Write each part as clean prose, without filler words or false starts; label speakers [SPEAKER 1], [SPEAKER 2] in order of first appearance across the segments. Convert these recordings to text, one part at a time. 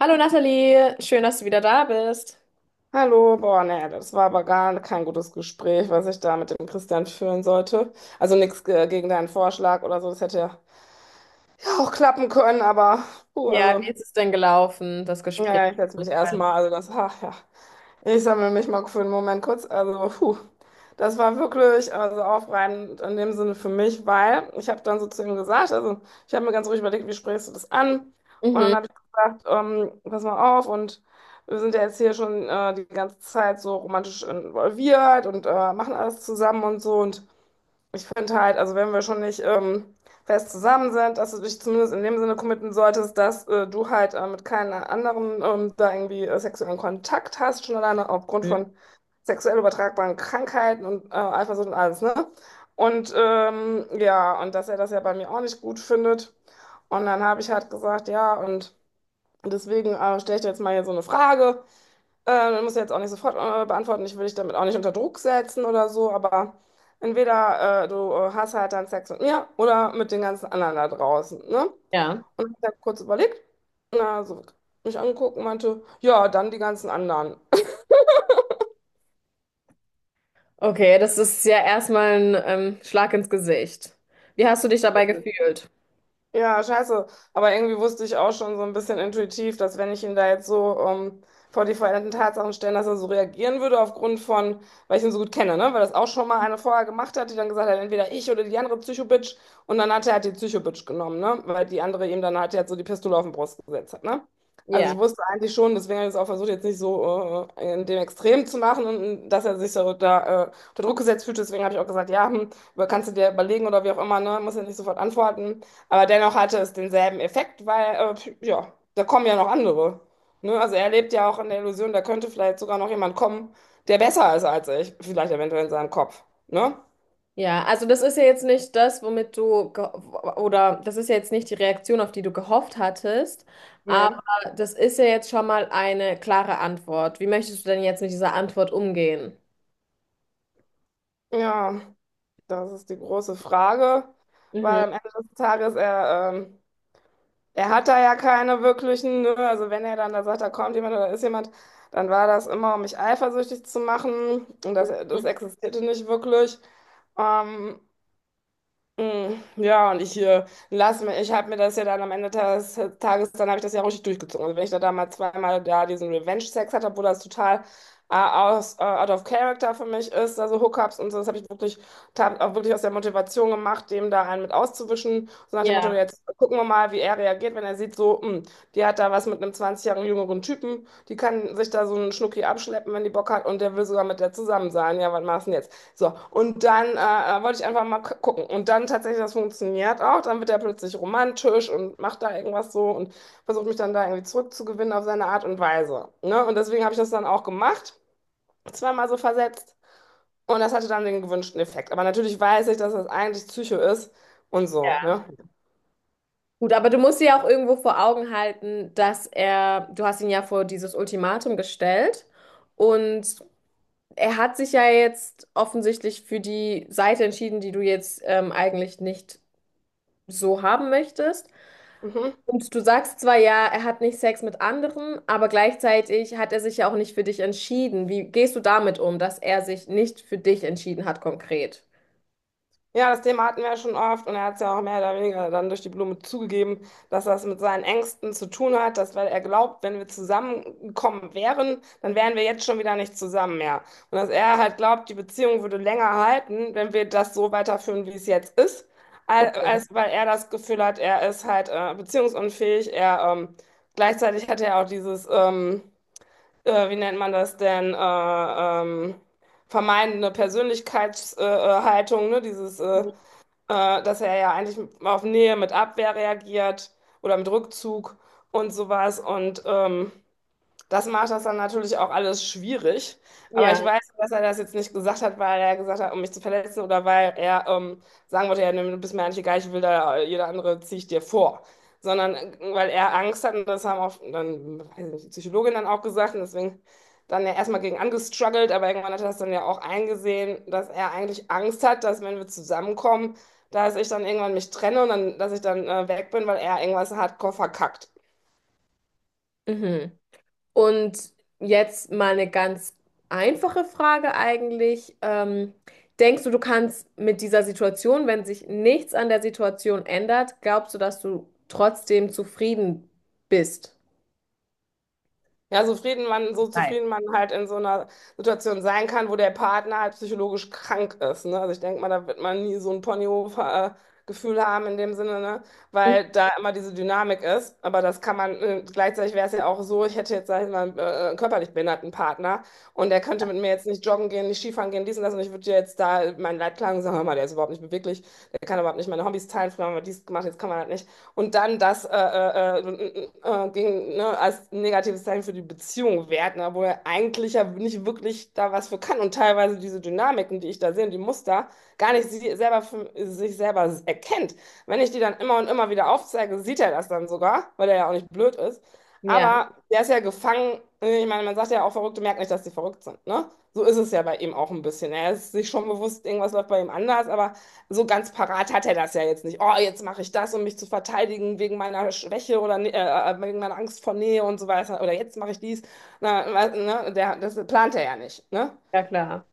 [SPEAKER 1] Hallo Nathalie, schön, dass du wieder da bist.
[SPEAKER 2] Hallo, boah, naja, das war aber gar kein gutes Gespräch, was ich da mit dem Christian führen sollte. Also nichts gegen deinen Vorschlag oder so, das hätte ja auch klappen können, aber puh,
[SPEAKER 1] Ja, wie
[SPEAKER 2] also,
[SPEAKER 1] ist es denn gelaufen, das
[SPEAKER 2] ja,
[SPEAKER 1] Gespräch?
[SPEAKER 2] ja, ich setze mich erstmal, also das, ach ja. Ich sammle mich mal für einen Moment kurz. Also, puh, das war wirklich also aufreibend in dem Sinne für mich, weil ich habe dann so zu ihm gesagt, also ich habe mir ganz ruhig überlegt, wie sprichst du das an? Und dann
[SPEAKER 1] Mhm.
[SPEAKER 2] habe ich gesagt, pass mal auf, und wir sind ja jetzt hier schon die ganze Zeit so romantisch involviert und machen alles zusammen und so, und ich finde halt, also wenn wir schon nicht fest zusammen sind, dass du dich zumindest in dem Sinne committen solltest, dass du halt mit keinem anderen da irgendwie sexuellen Kontakt hast, schon alleine aufgrund
[SPEAKER 1] Mhm.
[SPEAKER 2] von sexuell übertragbaren Krankheiten und Eifersucht und alles, ne? Und ja, und dass er das ja bei mir auch nicht gut findet. Und dann habe ich halt gesagt, ja, und deswegen stelle ich dir jetzt mal hier so eine Frage. Muss ich jetzt auch nicht sofort beantworten. Ich will dich damit auch nicht unter Druck setzen oder so, aber entweder du hast halt dann Sex mit mir oder mit den ganzen anderen da draußen, ne?
[SPEAKER 1] Ja,
[SPEAKER 2] Und ich habe kurz überlegt, na, so mich angeguckt und meinte, ja, dann die ganzen anderen.
[SPEAKER 1] okay, das ist ja erstmal ein Schlag ins Gesicht. Wie hast du dich dabei gefühlt?
[SPEAKER 2] Ja, scheiße. Aber irgendwie wusste ich auch schon so ein bisschen intuitiv, dass wenn ich ihn da jetzt so vor die veränderten Tatsachen stellen, dass er so reagieren würde aufgrund von, weil ich ihn so gut kenne, ne? Weil das auch schon mal eine vorher gemacht hat, die dann gesagt hat, entweder ich oder die andere Psycho-Bitch. Und dann hat er halt die Psycho-Bitch genommen, ne? Weil die andere ihm dann halt jetzt so die Pistole auf den Brust gesetzt hat, ne? Also
[SPEAKER 1] Ja,
[SPEAKER 2] ich wusste eigentlich schon, deswegen habe ich es auch versucht, jetzt nicht so in dem Extrem zu machen und dass er sich so da unter Druck gesetzt fühlt. Deswegen habe ich auch gesagt, ja, hm, aber kannst du dir überlegen oder wie auch immer, ne? Muss ja nicht sofort antworten. Aber dennoch hatte es denselben Effekt, weil, ja, da kommen ja noch andere. Ne? Also er lebt ja auch in der Illusion, da könnte vielleicht sogar noch jemand kommen, der besser ist als ich. Vielleicht eventuell in seinem Kopf. Ne?
[SPEAKER 1] ja, also das ist ja jetzt nicht das, womit du, oder das ist ja jetzt nicht die Reaktion, auf die du gehofft hattest, aber
[SPEAKER 2] Nee.
[SPEAKER 1] das ist ja jetzt schon mal eine klare Antwort. Wie möchtest du denn jetzt mit dieser Antwort umgehen?
[SPEAKER 2] Ja, das ist die große Frage, weil
[SPEAKER 1] Mhm.
[SPEAKER 2] am Ende des Tages, er, er hat da ja keine wirklichen, ne? Also wenn er dann da sagt, da kommt jemand oder da ist jemand, dann war das immer, um mich eifersüchtig zu machen, und das, das existierte nicht wirklich. Ähm, Ja, und ich lasse mir, ich habe mir das ja dann am Ende des Tages, dann habe ich das ja auch richtig durchgezogen. Also wenn ich da damals zweimal da diesen Revenge-Sex hatte, obwohl das total out of character für mich ist, also Hookups und so, das habe ich wirklich, hab auch wirklich aus der Motivation gemacht, dem da einen mit auszuwischen. So nach dem Motto,
[SPEAKER 1] Ja.
[SPEAKER 2] jetzt gucken wir mal, wie er reagiert, wenn er sieht, so, die hat da was mit einem 20 Jahre jüngeren Typen, die kann sich da so einen Schnucki abschleppen, wenn die Bock hat, und der will sogar mit der zusammen sein. Ja, was machst du denn jetzt? So, und dann wollte ich einfach mal gucken. Und dann tatsächlich, das funktioniert auch. Dann wird er plötzlich romantisch und macht da irgendwas so und versucht mich dann da irgendwie zurückzugewinnen auf seine Art und Weise. Ne? Und deswegen habe ich das dann auch gemacht, zweimal so versetzt. Und das hatte dann den gewünschten Effekt. Aber natürlich weiß ich, dass das eigentlich Psycho ist und so.
[SPEAKER 1] Ja.
[SPEAKER 2] Ne?
[SPEAKER 1] Gut, aber du musst dir ja auch irgendwo vor Augen halten, dass er, du hast ihn ja vor dieses Ultimatum gestellt und er hat sich ja jetzt offensichtlich für die Seite entschieden, die du jetzt eigentlich nicht so haben möchtest.
[SPEAKER 2] Mhm.
[SPEAKER 1] Und du sagst zwar ja, er hat nicht Sex mit anderen, aber gleichzeitig hat er sich ja auch nicht für dich entschieden. Wie gehst du damit um, dass er sich nicht für dich entschieden hat konkret?
[SPEAKER 2] Ja, das Thema hatten wir ja schon oft, und er hat es ja auch mehr oder weniger dann durch die Blume zugegeben, dass das mit seinen Ängsten zu tun hat, dass weil er glaubt, wenn wir zusammengekommen wären, dann wären wir jetzt schon wieder nicht zusammen mehr. Und dass er halt glaubt, die Beziehung würde länger halten, wenn wir das so weiterführen, wie es jetzt ist,
[SPEAKER 1] Okay.
[SPEAKER 2] als weil er das Gefühl hat, er ist halt beziehungsunfähig. Er gleichzeitig hat er auch dieses, wie nennt man das denn, vermeidende Persönlichkeitshaltung, Haltung, ne? Dieses dass er ja eigentlich auf Nähe mit Abwehr reagiert oder mit Rückzug und sowas. Und das macht das dann natürlich auch alles schwierig. Aber ich
[SPEAKER 1] Ja.
[SPEAKER 2] weiß, dass er das jetzt nicht gesagt hat, weil er gesagt hat, um mich zu verletzen, oder weil er sagen wollte, ja, nee, du bist mir eigentlich egal, ich will da, jeder andere ziehe ich dir vor. Sondern weil er Angst hat, und das haben auch dann, weiß ich nicht, die Psychologin dann auch gesagt, und deswegen dann ja erstmal gegen angestruggelt, aber irgendwann hat er das dann ja auch eingesehen, dass er eigentlich Angst hat, dass wenn wir zusammenkommen, dass ich dann irgendwann mich trenne und dann, dass ich dann weg bin, weil er irgendwas hardcore verkackt.
[SPEAKER 1] Mhm. Und jetzt mal eine ganz einfache Frage eigentlich. Denkst du, du kannst mit dieser Situation, wenn sich nichts an der Situation ändert, glaubst du, dass du trotzdem zufrieden bist?
[SPEAKER 2] Ja, so zufrieden man halt in so einer Situation sein kann, wo der Partner halt psychologisch krank ist, ne? Also ich denke mal, da wird man nie so ein Ponyhof-Gefühl haben in dem Sinne, ne?
[SPEAKER 1] Mhm.
[SPEAKER 2] Weil da immer diese Dynamik ist. Aber das kann man, gleichzeitig wäre es ja auch so, ich hätte jetzt, sag ich mal, einen körperlich behinderten Partner, und der könnte mit mir jetzt nicht joggen gehen, nicht Skifahren gehen, dies und das, und ich würde dir jetzt da meinen Leid klagen und sagen, hör mal, der ist überhaupt nicht beweglich, der kann überhaupt nicht meine Hobbys teilen, früher haben wir dies gemacht, jetzt kann man halt nicht, und dann das gegen, ne, als negatives Zeichen für die Beziehung wert, ne, obwohl er eigentlich ja nicht wirklich da was für kann, und teilweise diese Dynamiken, die ich da sehe, und die Muster, gar nicht sich selber erkennt. Wenn ich die dann immer und immer wieder aufzeige, sieht er das dann sogar, weil er ja auch nicht blöd ist.
[SPEAKER 1] Ja,
[SPEAKER 2] Aber der ist ja gefangen. Ich meine, man sagt ja auch, Verrückte merken nicht, dass sie verrückt sind, ne? So ist es ja bei ihm auch ein bisschen. Er ist sich schon bewusst, irgendwas läuft bei ihm anders, aber so ganz parat hat er das ja jetzt nicht. Oh, jetzt mache ich das, um mich zu verteidigen wegen meiner Schwäche oder wegen meiner Angst vor Nähe und so weiter. Oder jetzt mache ich dies. Na, ne, der, das plant er ja nicht, ne?
[SPEAKER 1] ja klar.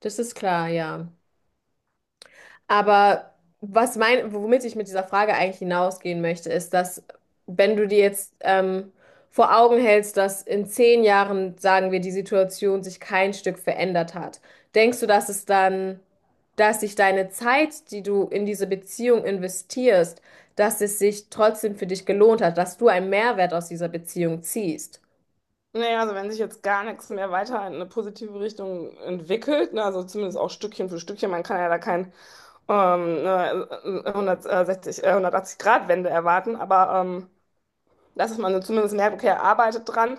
[SPEAKER 1] Das ist klar, ja. Aber was mein, womit ich mit dieser Frage eigentlich hinausgehen möchte, ist, dass wenn du dir jetzt vor Augen hältst, dass in 10 Jahren, sagen wir, die Situation sich kein Stück verändert hat, denkst du, dass es dann, dass sich deine Zeit, die du in diese Beziehung investierst, dass es sich trotzdem für dich gelohnt hat, dass du einen Mehrwert aus dieser Beziehung ziehst?
[SPEAKER 2] Naja, also wenn sich jetzt gar nichts mehr weiter in eine positive Richtung entwickelt, ne, also zumindest auch Stückchen für Stückchen, man kann ja da kein ne, 180-Grad-Wende erwarten, aber dass man so zumindest merkt, okay, er arbeitet dran.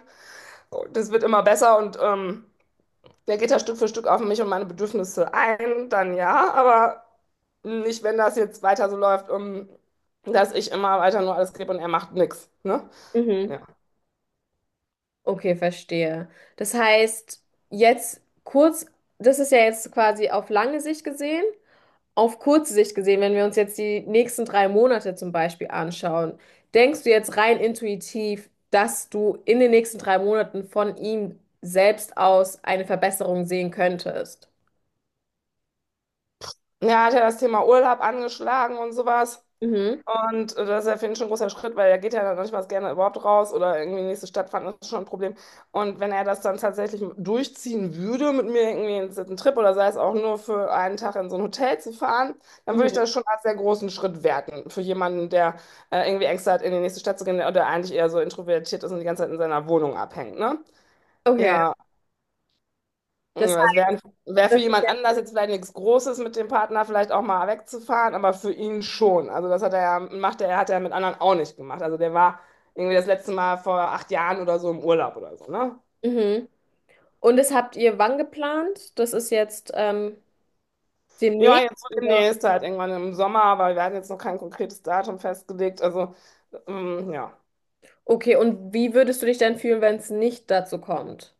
[SPEAKER 2] So, das wird immer besser, und der geht da Stück für Stück auf mich und meine Bedürfnisse ein, dann ja, aber nicht, wenn das jetzt weiter so läuft, dass ich immer weiter nur alles gebe und er macht nichts, ne?
[SPEAKER 1] Mhm.
[SPEAKER 2] Ja.
[SPEAKER 1] Okay, verstehe. Das heißt, jetzt kurz, das ist ja jetzt quasi auf lange Sicht gesehen. Auf kurze Sicht gesehen, wenn wir uns jetzt die nächsten 3 Monate zum Beispiel anschauen, denkst du jetzt rein intuitiv, dass du in den nächsten 3 Monaten von ihm selbst aus eine Verbesserung sehen könntest?
[SPEAKER 2] Ja, hat er das Thema Urlaub angeschlagen und sowas.
[SPEAKER 1] Mhm.
[SPEAKER 2] Und das ist ja für ihn schon ein großer Schritt, weil er geht ja dann noch nicht mal gerne überhaupt raus oder irgendwie in die nächste Stadt fahren, das ist schon ein Problem. Und wenn er das dann tatsächlich durchziehen würde, mit mir irgendwie in einen Trip oder sei es auch nur für einen Tag in so ein Hotel zu fahren, dann würde ich
[SPEAKER 1] Mhm.
[SPEAKER 2] das schon als sehr großen Schritt werten. Für jemanden, der irgendwie Ängste hat, in die nächste Stadt zu gehen oder eigentlich eher so introvertiert ist und die ganze Zeit in seiner Wohnung abhängt, ne?
[SPEAKER 1] Okay.
[SPEAKER 2] Ja,
[SPEAKER 1] Das,
[SPEAKER 2] ja, das wäre, wär für
[SPEAKER 1] das,
[SPEAKER 2] jemand anders jetzt vielleicht nichts Großes, mit dem Partner vielleicht auch mal wegzufahren, aber für ihn schon. Also das hat er ja, macht er, hat er mit anderen auch nicht gemacht. Also der war irgendwie das letzte Mal vor 8 Jahren oder so im Urlaub oder so, ne?
[SPEAKER 1] mhm. Und das habt ihr wann geplant? Das ist jetzt
[SPEAKER 2] Ja,
[SPEAKER 1] demnächst,
[SPEAKER 2] jetzt so
[SPEAKER 1] oder?
[SPEAKER 2] demnächst halt irgendwann im Sommer, aber wir hatten jetzt noch kein konkretes Datum festgelegt. Also, ja.
[SPEAKER 1] Okay, und wie würdest du dich dann fühlen, wenn es nicht dazu kommt?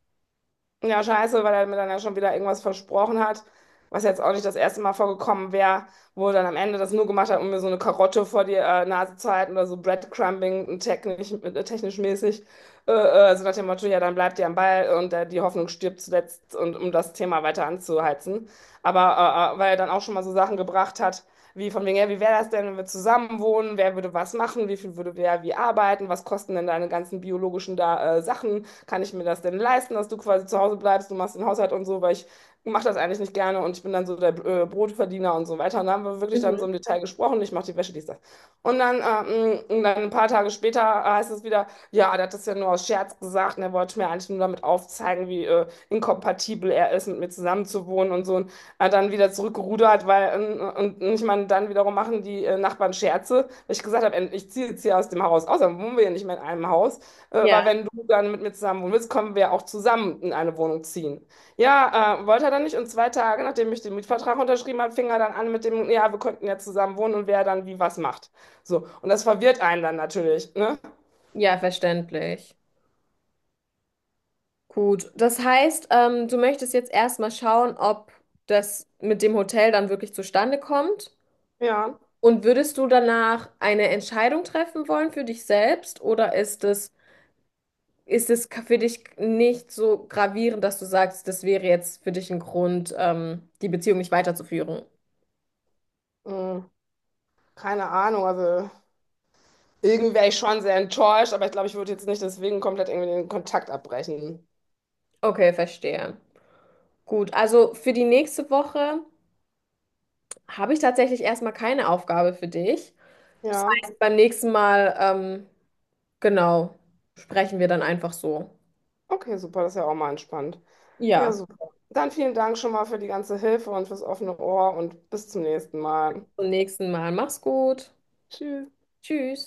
[SPEAKER 2] Ja, scheiße, weil er mir dann ja schon wieder irgendwas versprochen hat, was jetzt auch nicht das erste Mal vorgekommen wäre, wo er dann am Ende das nur gemacht hat, um mir so eine Karotte vor die Nase zu halten oder so Breadcrumbing technisch mäßig. So nach dem Motto, ja, dann bleibt ihr am Ball und die Hoffnung stirbt zuletzt, und um das Thema weiter anzuheizen. Aber weil er dann auch schon mal so Sachen gebracht hat, wie von wegen, ja, wie wäre das denn, wenn wir zusammen wohnen? Wer würde was machen? Wie viel würde wer wie arbeiten? Was kosten denn deine ganzen biologischen da, Sachen? Kann ich mir das denn leisten, dass du quasi zu Hause bleibst, du machst den Haushalt und so, weil ich mache das eigentlich nicht gerne, und ich bin dann so der Brotverdiener und so weiter. Und da haben wir wirklich dann
[SPEAKER 1] Mhm.
[SPEAKER 2] so im Detail gesprochen, ich mache die Wäsche, dies, das. Und dann, und dann ein paar Tage später heißt es wieder, ja, der hat das ja nur aus Scherz gesagt, und er wollte mir eigentlich nur damit aufzeigen, wie inkompatibel er ist, mit mir zusammenzuwohnen und so. Und aber dann wieder zurückgerudert, weil, und, ich meine, dann wiederum machen die Nachbarn Scherze, weil ich gesagt habe, ey, ich ziehe jetzt hier aus dem Haus aus, dann wohnen wir ja nicht mehr in einem Haus. Aber
[SPEAKER 1] Ja.
[SPEAKER 2] wenn du dann mit mir zusammen wohnen willst, können wir auch zusammen in eine Wohnung ziehen. Ja, wollte er dann nicht. Und 2 Tage, nachdem ich den Mietvertrag unterschrieben habe, fing er dann an mit dem, ja, wir könnten ja zusammen wohnen und wer dann wie was macht. So. Und das verwirrt einen dann natürlich, ne?
[SPEAKER 1] Ja, verständlich. Gut, das heißt, du möchtest jetzt erstmal schauen, ob das mit dem Hotel dann wirklich zustande kommt.
[SPEAKER 2] Ja.
[SPEAKER 1] Und würdest du danach eine Entscheidung treffen wollen für dich selbst oder ist es für dich nicht so gravierend, dass du sagst, das wäre jetzt für dich ein Grund, die Beziehung nicht weiterzuführen?
[SPEAKER 2] Hm, keine Ahnung, also irgendwie wäre ich schon sehr enttäuscht, aber ich glaube, ich würde jetzt nicht deswegen komplett irgendwie den Kontakt abbrechen.
[SPEAKER 1] Okay, verstehe. Gut, also für die nächste Woche habe ich tatsächlich erstmal keine Aufgabe für dich. Das
[SPEAKER 2] Ja,
[SPEAKER 1] heißt, beim nächsten Mal, genau, sprechen wir dann einfach so.
[SPEAKER 2] okay, super, das ist ja auch mal entspannt. Ja,
[SPEAKER 1] Ja,
[SPEAKER 2] super. Dann vielen Dank schon mal für die ganze Hilfe und fürs offene Ohr, und bis zum nächsten Mal.
[SPEAKER 1] zum nächsten Mal. Mach's gut.
[SPEAKER 2] Tschüss.
[SPEAKER 1] Tschüss.